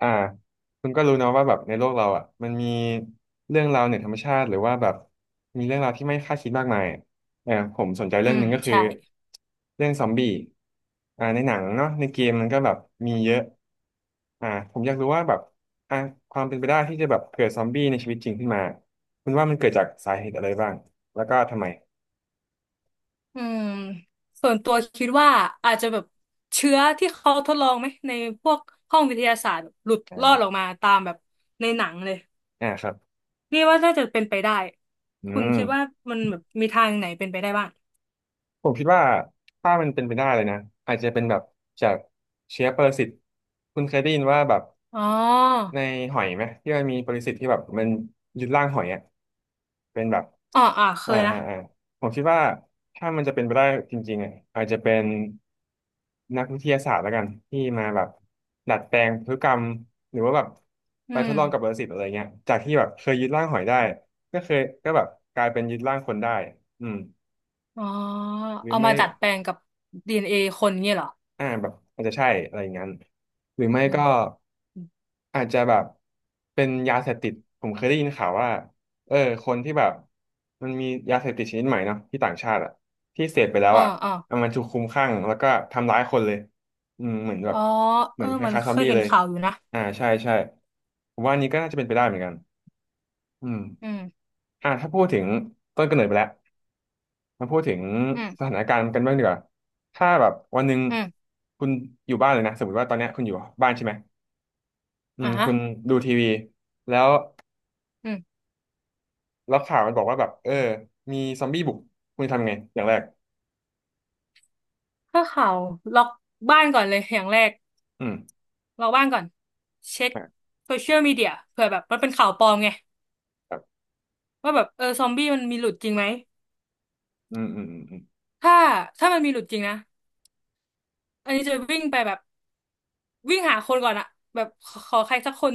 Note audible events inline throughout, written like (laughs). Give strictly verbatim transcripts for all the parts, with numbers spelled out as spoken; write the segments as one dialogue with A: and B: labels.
A: อ่าคุณก็รู้เนาะว่าแบบในโลกเราอ่ะมันมีเรื่องราวเหนือธรรมชาติหรือว่าแบบมีเรื่องราวที่ไม่คาดคิดมากมายเออผมสนใจ
B: อื
A: เรื่องห
B: ม
A: นึงก็คือ
B: ใช่
A: เรื่องซอมบี้อ่าในหนังเนาะในเกมมันก็แบบมีเยอะอ่าผมอยากรู้ว่าแบบอ่าความเป็นไปได้ที่จะแบบเกิดซอมบี้ในชีวิตจริงขึ้นมาคุณว่ามันเกิดจากสาเหตุอะไรบ้างแล้วก็ทำไม
B: อืมส่วนตัวคิดว่าอาจจะแบบเชื้อที่เขาทดลองไหมในพวกห้องวิทยาศาสตร์แบบหลุดรอดออ
A: อ่า
B: กมาตามแบบในหนังเลย
A: อ่าครับ
B: นี่ว่าน่าจะเป็นไปได้
A: อื
B: คุณ
A: ม
B: คิดว่ามันแบบมีทางไหนเป็นไปได้บ้าง
A: ผมคิดว่าถ้ามันเป็นไปได้เลยนะอาจจะเป็นแบบจากเชื้อปรสิตคุณเคยได้ยินว่าแบบ
B: อ๋อ
A: ในหอยไหมที่มันมีปรสิตที่แบบมันยึดร่างหอยอ่ะเป็นแบบ
B: อ๋ออ่าเค
A: อ่า
B: ย
A: อ่า
B: นะ
A: อ่าผมคิดว่าถ้ามันจะเป็นไปได้จริงๆอ่ะอาจจะเป็นนักวิทยาศาสตร์แล้วกันที่มาแบบดัดแปลงพฤติกรรมหรือว่าแบบ
B: อื
A: ไปท
B: ม
A: ดลองกับปรสิตอะไรเงี้ยจากที่แบบเคยยึดร่างหอยได้ก็เคยก็แบบกลายเป็นยึดร่างคนได้อืม
B: อ๋อ
A: หรือ
B: เอา
A: ไม่
B: มาดัดแปลงกับ ดี เอ็น เอ คนเงี้ยเหรอ
A: อ่าแบบอาจจะใช่อะไรอย่างนั้นหรือไม่
B: อื
A: ก็
B: ม
A: อาจจะแบบเป็นยาเสพติดผมเคยได้ยินข่าวว่าเออคนที่แบบมันมียาเสพติดชนิดใหม่เนาะที่ต่างชาติอะที่เสพไปแล้ว
B: อ๋อ
A: อะ
B: อ๋อ
A: เอามันถูกคลุมคลั่งแล้วก็ทำร้ายคนเลยอืมเหมือนแบ
B: อ๋
A: บ
B: อ
A: เห
B: เอ
A: มือ
B: อ
A: นค
B: มัน
A: ล้ายๆ
B: เค
A: ซอม
B: ย
A: บี้
B: เห็น
A: เลย
B: ข่าวอยู่นะ
A: อ่าใช่ใช่ผมว่าอันนี้ก็น่าจะเป็นไปได้เหมือนกันอืม
B: อืม
A: อ่าถ้าพูดถึงต้นกำเนิดไปแล้ว มาพูดถึง
B: อืม
A: สถานการณ์กันบ้างดีกว่าถ้าแบบวันหนึ่ง
B: อืม
A: คุณอยู่บ้านเลยนะสมมติว่าตอนเนี้ยคุณอยู่บ้านใช่ไหมอื
B: อ่า
A: ม
B: ฮะ
A: คุณดูทีวีแล้วแล้วข่าวมันบอกว่าแบบเออมีซอมบี้บุกคุณจะทำไงอย่างแรก
B: ถ้าข่าวล็อกบ้านก่อนเลยอย่างแรก
A: อืม
B: ล็อกบ้านก่อนเช็ค
A: อ่ะ
B: โซเชียลมีเดียเผื่อแบบมันเป็นข่าวปลอมไง
A: แบบ
B: ว่าแบบเออซอมบี้มันมีหลุดจริงไหม
A: อืมอืมอืมอืม
B: ถ้าถ้ามันมีหลุดจริงนะอันนี้จะวิ่งไปแบบวิ่งหาคนก่อนอะแบบขอขอใครสักคน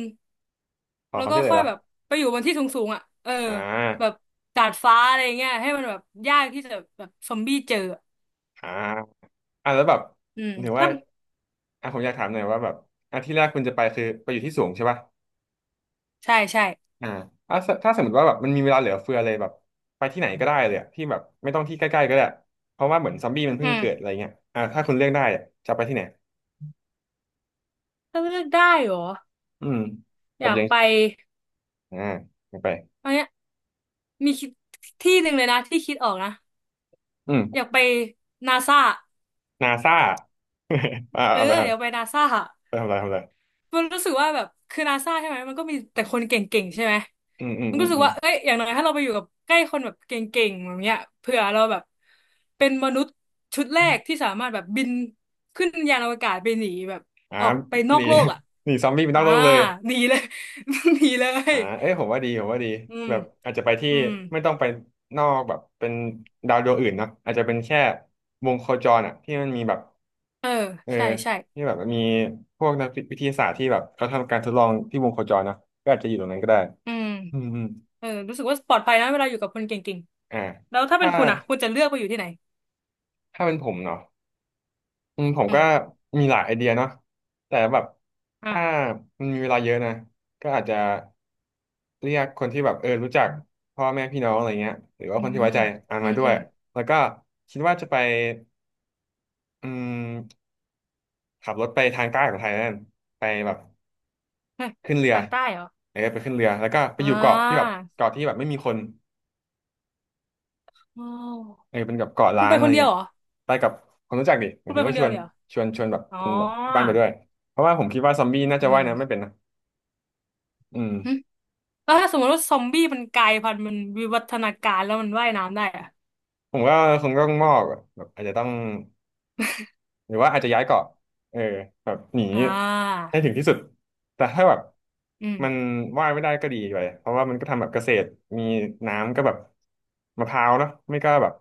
A: ขอ
B: แล้
A: ค
B: ว
A: วาม
B: ก็
A: ช่วยเหลือ
B: ค่อย
A: เหรอ
B: แบบไปอยู่บนที่สูงๆอะเออ
A: อ่
B: แบบ
A: า
B: ดาดฟ้าอะไรเงี้ยให้มันแบบยากที่จะแบบซอมบี้เจออะ
A: อ่าอ่ะแล้วแบบ
B: อืม
A: ถือว่า
B: ถ้า
A: อ่ะผมอยากถามหน่อยว่าแบบอ่ะที่แรกคุณจะไปคือไปอยู่ที่สูงใช่ป่ะ
B: ใช่ใช่
A: อ่าถ้าถ้าสมมติว่าแบบมันมีเวลาเหลือเฟือเลยแบบไปที่ไหนก็ได้เลยอะที่แบบไม่ต้องที่ใกล้ๆก็ได้เพราะว่าเหมือนซอมบี้มันเพิ่
B: อื
A: งเกิดอะ
B: ม
A: ไรเงี้ยอ่าถ้าคุณเลือกได้อะจะไปที่ไหน
B: ถ้าเลือกได้เหรอ
A: อืมแบ
B: อ
A: บ
B: ยาก
A: ยัง
B: ไป
A: อ่าไม่ไป
B: อันเนี้ยมีคิดที่หนึ่งเลยนะที่คิดออกนะ
A: อื
B: อยา
A: ม
B: กไปนาซา
A: นาซา (laughs) อ่า
B: เออ
A: เอาไปทำ
B: อยาก
A: ไ
B: ไปนาซา
A: ปทำอะไรทำอะไร
B: มันรู้สึกว่าแบบคือนาซาใช่ไหมมันก็มีแต่คนเก่งๆใช่ไหม
A: อืมอืม
B: มันก็
A: อืม
B: รู้สึ
A: อื
B: ก
A: ม
B: ว่าเอ้ยอย่างน้อยถ้าเราไปอยู่กับใกล้คนแบบเก่งๆแบบเนี้ยเผื่อเราแบบเป็นมนุษย์ชุดแรกที่สามารถแบบบินขึ้นยานอวกาศไปหนีแบบ
A: อ่า
B: ออกไปน
A: ห
B: อ
A: นี
B: กโลกอ่ะ
A: ห (laughs) นีซอมบี้ไปน
B: อ่า
A: อกโลกเลย
B: หนีเลย (laughs) หนีเล
A: อ่า
B: ย
A: เอ้ยผมว่าดีผมว่าดี
B: อืม
A: แบบอาจจะไปที่
B: อืม
A: ไม่ต้องไปนอกแบบเป็นดาวดวงอื่นเนาะอาจจะเป็นแค่วงโคจรอ่ะที่มันมีแบบ
B: เออ
A: เออ
B: ใช่ใช่
A: ที่แบบมีพวกนักวิทยาศาสตร์ที่แบบเขาทำการทดลองที่วงโคจรเนาะก็อาจจะอยู่ตรงนั้นก็ได้
B: อืม
A: อืมอืม
B: เออรู้สึกว่าปลอดภัยนะเวลาอยู่กับคนเก่ง
A: อ่า
B: ๆแล้วถ้าเป็
A: ถ้า
B: นคุณอ่ะคุณจะเลือกไปอยู่ที่ไหน
A: ถ้าเป็นผมเนาะ อืมผม
B: อื
A: ก็
B: ม
A: มีหลายไอเดียเนาะแต่แบบ
B: อ่ะ
A: ถ้ามันมีเวลาเยอะนะก็อาจจะเรียกคนที่แบบเออรู้จักพ่อแม่พี่น้องอะไรเงี้ยหรือว่า
B: อื
A: คนที่ไว้
B: ม
A: ใจอ่าน
B: อื
A: มา
B: ม
A: ด้ว
B: อื
A: ย
B: ม
A: แล้วก็คิดว่าจะไปอืมขับรถไปทางใต้ของไทยนั่นไปแบบ
B: ฮะ
A: ขึ้นเรือ
B: ทางใต้เหรอ
A: เออไปขึ้นเรือแล้วก็ไป
B: อ่
A: อยู่เกาะที่แบบ
B: า
A: เกาะที่แบบไม่มีคน
B: โอ้
A: เออเป็นกับเกาะ
B: คุ
A: ล้า
B: ณไป
A: งอะ
B: ค
A: ไร
B: นเดียว
A: เงี้ย
B: เหรอ
A: ไปกับคนรู้จักดิหมา
B: คุ
A: ย
B: ณไป
A: ถึง
B: คน
A: ว่าช
B: เดีย
A: ว
B: ว
A: น
B: เลยเหรอ
A: ชวนชวนแบบ
B: อ๋อ
A: คนแบบบ้านไปด้วยเพราะว่าผมคิดว่าซอมบี้น่าจะ
B: อื
A: ว่า
B: ม
A: ยน้ำไม่เป็นนะอืม
B: หึแล้วถ้าสมมติว่าซอมบี้มันกลายพันธุ์มันวิวัฒนาการแล้วมันว่ายน้ำได้อะ
A: ผมว่าคงต้องมอกอะแบบอาจจะต้องหรือว่าอาจจะย้ายเกาะเออแบบหนี
B: อ่า
A: ให้ถึงที่สุดแต่ถ้าแบบ
B: อื
A: มัน
B: ม
A: ว่ายไม่ได้ก็ดีไปเพราะว่ามันก็ทำแบบเกษตรมีน้ำก็แบบมะพร้าวเนาะไม่ก็แบบ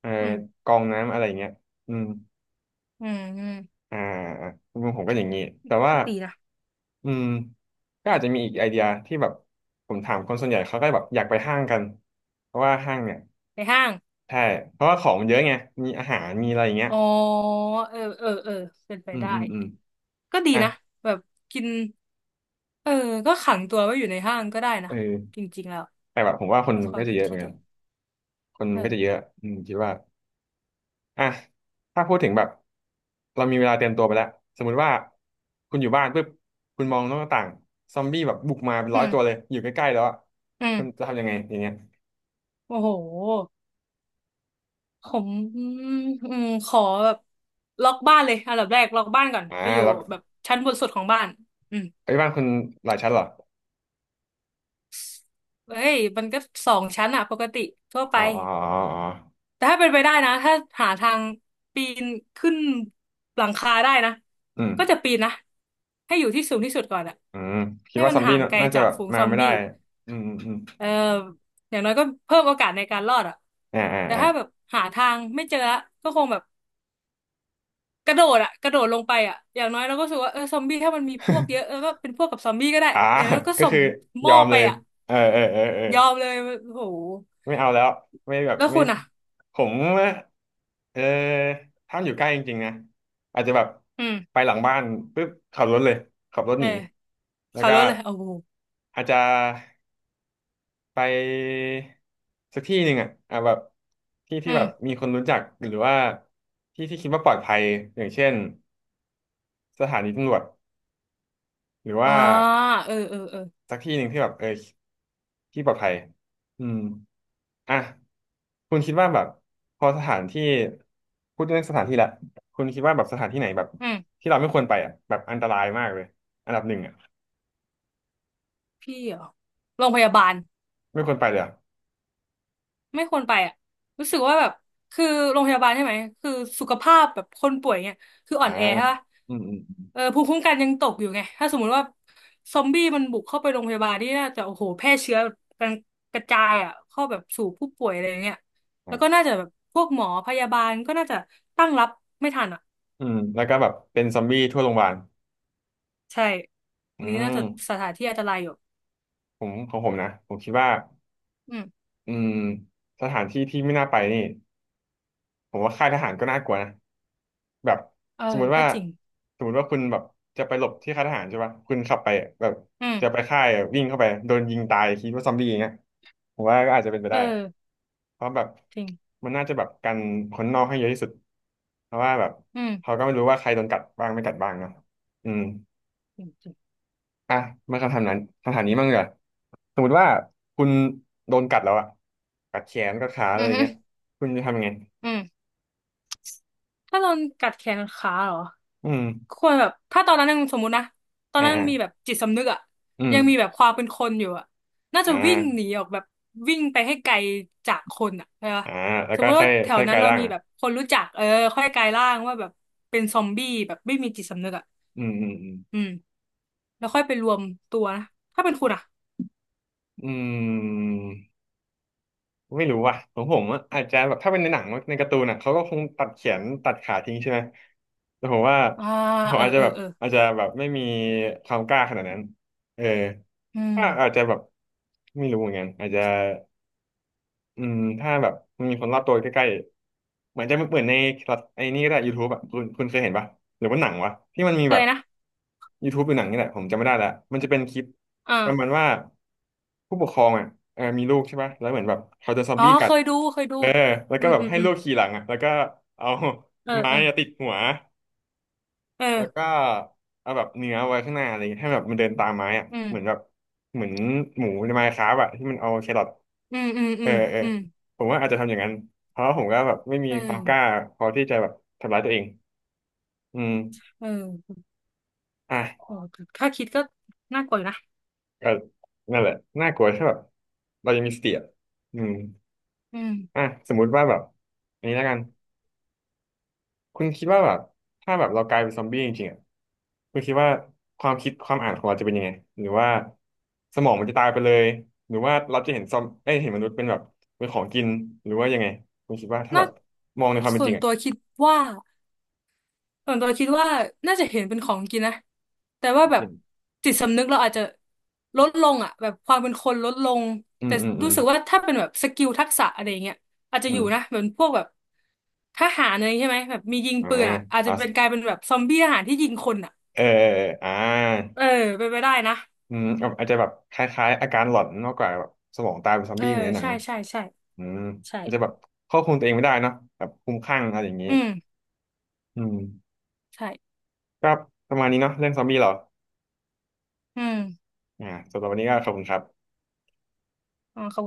A: เออ
B: อืม
A: กองน้ำอะไรอย่างเงี้ยอืม
B: อืมอืม
A: อ่ามุมผมก็อย่างนี้แต่ว่า
B: ก็ดีนะ
A: อืมก็อาจจะมีอีกไอเดียที่แบบผมถามคนส่วนใหญ่เขาก็แบบอยากไปห้างกันเพราะว่าห้างเนี่ย
B: ไปห้าง
A: ใช่เพราะว่าของมันเยอะไงมีอาหารมีอะไรอย่างเงี้ย
B: อ๋อเออเออเออเป็นไป
A: อืม
B: ได้
A: อืมอืม
B: ก็ดี
A: อ่ะ
B: นะแบบกินเออก็ขังตัวไว้อยู่ในห้างก็ได้
A: เอ
B: นะ
A: อ
B: จริงๆแล้ว
A: แต่แบบผมว่าคน
B: เป็น
A: มัน
B: ควา
A: ก็
B: ม
A: จะ
B: คิด
A: เยอะเหมื
B: ที่
A: อน
B: ดี
A: กันคน
B: เอ
A: มันก็จะเย
B: อ
A: อะอืมคิดว่าอ่ะถ้าพูดถึงแบบเรามีเวลาเตรียมตัวไปแล้วสมมุติว่าคุณอยู่บ้านปุ๊บคุณมองนอกหน้าต่างซอมบี้แบบบุกมาเป็น
B: อื
A: ร้อย
B: ม
A: ตัวเลยอยู่ใกล้ๆแล้วอะ
B: อื
A: คุณจะ
B: ม
A: ทำยังไงอย่างเงี้ย
B: โอ้โหผมอืมอืมขอแบบล็อกบ้านเลยอันดับแรกล็อกบ้านก่อน
A: อ่า
B: ไปอยู่
A: แล้ว
B: แบบชั้นบนสุดของบ้านอืม
A: ไอ้ยบ้านคุณหลายชั้นเหรอ
B: เฮ้ยมันก็สองชั้นอะปกติทั่วไป
A: อ๋ออ๋ออ๋ออ๋อ
B: แต่ถ้าเป็นไปได้นะถ้าหาทางปีนขึ้นหลังคาได้นะ
A: อืม
B: ก็จะปีนนะให้อยู่ที่สูงที่สุดก่อนอะ
A: อืมคิด
B: ให้
A: ว่า
B: มั
A: ซ
B: น
A: อมบี้
B: ห่าง
A: น่า
B: ไกล
A: น่าจะ
B: จาก
A: แบบ
B: ฝูง
A: มา
B: ซอม
A: ไม่ได้
B: บี้
A: อืมอืมอม
B: เอ่ออย่างน้อยก็เพิ่มโอกาสในการรอดอะ
A: อ่าอ่า
B: แต่
A: อ่า
B: ถ้าแบบหาทางไม่เจอละก็คงแบบ กระโดดอะกระโดดลงไปอะอย่างน้อยเราก็รู้สึกว่าเออซอมบี้ถ้ามันมีพวกเยอะเอ
A: (laughs)
B: อก็เป็นพวกกับซอมบี้ก็ได้
A: อ่า
B: อย่างน้อยก็
A: ก็
B: ส่ง
A: คือ
B: ห
A: ย
B: ม้
A: อ
B: อ
A: ม
B: ไป
A: เลย
B: อะ
A: เออเออเออเออ
B: ยอมเลยโอ้โห
A: ไม่เอาแล้วไม่แบบ
B: แล้ว
A: ไม่
B: คุณอะ
A: ผมเออถ้ามันอยู่ใกล้จริงๆนะอาจจะแบบ
B: อืม
A: ไปหลังบ้านปุ๊บขับรถเลยขับรถ
B: เอ
A: ห
B: อ
A: นีแล้ว
B: ขับ
A: ก็
B: รถเลยโอ้โห
A: อาจจะไปสักที่หนึ่งอ่ะอ่ะแบบที่ที่
B: อื
A: แบบ
B: ม
A: มีคนรู้จักหรือว่าที่ที่คิดว่าปลอดภัยอย่างเช่นสถานีตำรวจหรือ
B: อ๋อ
A: ว่า
B: เออเออเออ
A: สักที่หนึ่งที่แบบเออที่ปลอดภัยอืมอ่ะ คุณคิดว่าแบบพอสถานที่พูดเรื่องสถานที่ละคุณคิดว่าแบบสถานที่ไหนแบบ
B: อืม
A: ที่เราไม่ควรไปอ่ะแบบอันตรายมากเลยอันดับหนึ่งอ่ะ
B: พี่เหรอโรงพยาบาล
A: ไม่ควรไปเลยอ่ะ
B: ไม่ควรไปอ่ะรู้สึกว่าแบบคือโรงพยาบาลใช่ไหมคือสุขภาพแบบคนป่วยเนี่ยคืออ่อ
A: อ่า
B: นแอใช่ปะ
A: อืมอืม
B: เออภูมิคุ้มกันยังตกอยู่ไงถ้าสมมุติว่าซอมบี้มันบุกเข้าไปโรงพยาบาลนี่น่าจะโอ้โหแพร่เชื้อกันกระจายอ่ะเข้าแบบสู่ผู้ป่วยอะไรอย่างเงี้ย
A: อื
B: แล้ว
A: ม
B: ก็น่าจะแบบพวกหมอพยาบาลก็น่าจะตั้งรับไม่ทันอ่ะ
A: อืมแล้วก็แบบเป็นซอมบี้ทั่วโรงพยาบาล
B: ใช่
A: อื
B: นี่น่า
A: ม
B: จะสถานที่อันตรายอยู่
A: ผมของผมนะผมคิดว่า
B: อืม
A: อืมสถานที่ที่ไม่น่าไปนี่ ผมว่าค่ายทหารก็น่ากลัวนะแบบ
B: เออ
A: สมมุติ
B: ก็
A: ว่า
B: จริง
A: สมมุติว่าคุณแบบจะไปหลบที่ค่ายทหารใช่ปะคุณขับไปแบบ
B: อืม
A: จะไปค่ายวิ่งเข้าไปโดนยิงตายคิดว่าซอมบี้อย่างเงี้ยผมว่าก็อาจจะเป็นไป
B: เอ
A: ได้
B: อ
A: เพราะแบบ
B: จริง
A: มันน่าจะแบบกันคนนอกให้เยอะที่สุดเพราะว่าแบบ
B: อืม
A: เขาก็ไม่รู้ว่าใครโดนกัดบ้างไม่กัดบ้างเนอะอืม
B: จริงจริง
A: อ่ะมาคำถามนั้นคำถามนี้มั่งเหรอสมมติว่าคุณโดนกัดแล้วอะกัดแขนกัดขาอะ
B: อื
A: ไร
B: อ
A: อย่าง
B: ฮึ
A: เงี้ยคุณจะทำยังไง
B: อืม ถ้าโดนกัดแขนขาเหรอ
A: อืม
B: ควรแบบถ้าตอนนั้นยังสมมุตินะตอน
A: อ่า
B: นั้นยั
A: อ่า
B: งมีแบบจิตสำนึกอะ
A: อืม
B: ยังมีแบบความเป็นคนอยู่อะน่าจะ
A: อ่า
B: วิ่งหนีออกแบบวิ่งไปให้ไกลจากคนอะใช่ปะ
A: อ่าแล้ว
B: สม
A: ก็
B: มติ
A: ค่อ
B: ว่า
A: ย
B: แถว
A: ค่อย
B: นั้
A: กา
B: น
A: ย
B: เรา
A: ร่าง
B: มี
A: อ
B: แบบคนรู้จักเออค่อยกลายร่างว่าแบบเป็นซอมบี้แบบไม่มีจิตสำนึกอะ
A: ืมอืมอืม
B: อืมแล้วค่อยไปรวมตัวนะถ้าเป็นคุณอะ
A: อืมไม่รู้ว่ะของผมอะอาจจะแบบถ้าเป็นในหนังในการ์ตูนอ่ะเขาก็คงตัดแขนตัดขาทิ้งใช่ไหมแต่ผมว่า
B: อ่า
A: ผม
B: เออ
A: อาจจะ
B: เออ
A: แบบ
B: เออ
A: อาจจะแบบไม่มีความกล้าขนาดนั้นเออ
B: อืม
A: ก็อาจจะแบบไม่รู้เหมือนกันอาจจะ อืมถ้าแบบมันมีคนรอบตัวใกล้ๆเหมือนจะเหมือนในไอ้นี่ก็ได้ YouTube อ่ะคุณคุณเคยเห็นปะหรือว่าหนังวะที่มันมี
B: เค
A: แบบ
B: ยนะ
A: YouTube หรือหนังนี่แหละผมจำไม่ได้ละมันจะเป็นคลิป
B: อ่า
A: ประมาณว่าผู้ปกครองอ่ะเออมีลูกใช่ปะแล้วเหมือนแบบเขาโดนซอม
B: อ๋อ
A: บี้กั
B: เค
A: ด
B: ยดู เคยดู
A: เออแล้ว
B: อื
A: ก็
B: ม
A: แบบ
B: อืม
A: ให้
B: อืม
A: ลูกขี่หลังอ่ะแล้วก็เอา
B: เออ
A: (laughs) ไม้
B: เออ
A: อะติดหัว
B: เอ
A: แล้วก็
B: อ
A: เอาแบบเนื้อไว้ข้างหน้าอะไรอย่างเงี้ยให้แบบมันเดินตามไม้อ่ะ
B: อืม
A: เหมือนแบบเหมือนหมูในไมน์คราฟต์อะที่มันเอาแครอท
B: อืมอืม
A: เอ
B: อื
A: อ
B: ม
A: เออ
B: อืม
A: ผมว่าอาจจะทำอย่างนั้นเพราะว่าผมก็แบบไม่มี
B: เออ
A: ความกล้าพอที่จะแบบทำร้ายตัวเองอืม
B: เออ
A: อ่ะ
B: โอ้ถ้าคิดก็น่ากลัวอยู่นะ
A: ก็นั่นแหละน่ากลัวใช่แบบเรายังมีสติอ่ะอืม
B: อืม
A: อ่ะสมมุติว่าแบบอันนี้แล้วกันคุณคิดว่าแบบถ้าแบบเรากลายเป็นซอมบี้จริงๆอ่ะคุณคิดว่าความคิดความอ่านของเราจะเป็นยังไงหรือว่าสมองมันจะตายไปเลยหรือว่าเราจะเห็นซอมเอ้ยเห็นมนุษย์เป็นแบบเป็นของกินหรือว่ายังไงคุณคิดว่าถ้าแบ
B: น่า
A: บมองในความเป็น
B: ส่
A: จ
B: ว
A: ริ
B: น
A: งอ่ะ
B: ตัวคิดว่าส่วนตัวคิดว่าน่าจะเห็นเป็นของกินนะแต่
A: ข
B: ว่า
A: อง
B: แบบ
A: กิน
B: จิตสำนึกเราอาจจะลดลงอ่ะแบบความเป็นคนลดลง
A: อืม
B: แต่
A: อืมอื
B: รู้
A: ม
B: สึกว่าถ้าเป็นแบบสกิลทักษะอะไรอย่างเงี้ยอาจจะ
A: อื
B: อยู่
A: ม
B: นะเหมือนพวกแบบทหารอะไรใช่ไหมแบบมียิง
A: อ่า
B: ปืนอ่ะอาจจะ
A: อ่า
B: เป็นกลายเป็นแบบซอมบี้ทหารที่ยิงคนอ่ะ
A: เอออ่า
B: เออเป็นไปได้นะ
A: อืมอาจจะแบบคล้ายๆอาการหลอนมากกว่าแบบสมองตายเป็นซอม
B: เออ
A: บี้เหมือนในหนัง
B: ใช่ใช่ใช่
A: อืม
B: ใช่
A: อาจจะแบบควบคุมตัวเองไม่ได้เนาะแบบคลุ้มคลั่งอะไรอย่างนี้
B: อืม
A: อืม
B: ใช่
A: ก็ประมาณนี้เนาะเรื่องซอมบี้เหรอ
B: อืม
A: อ่าสำหรับวันนี้ก็ขอบคุณครับ
B: อ๋อเขา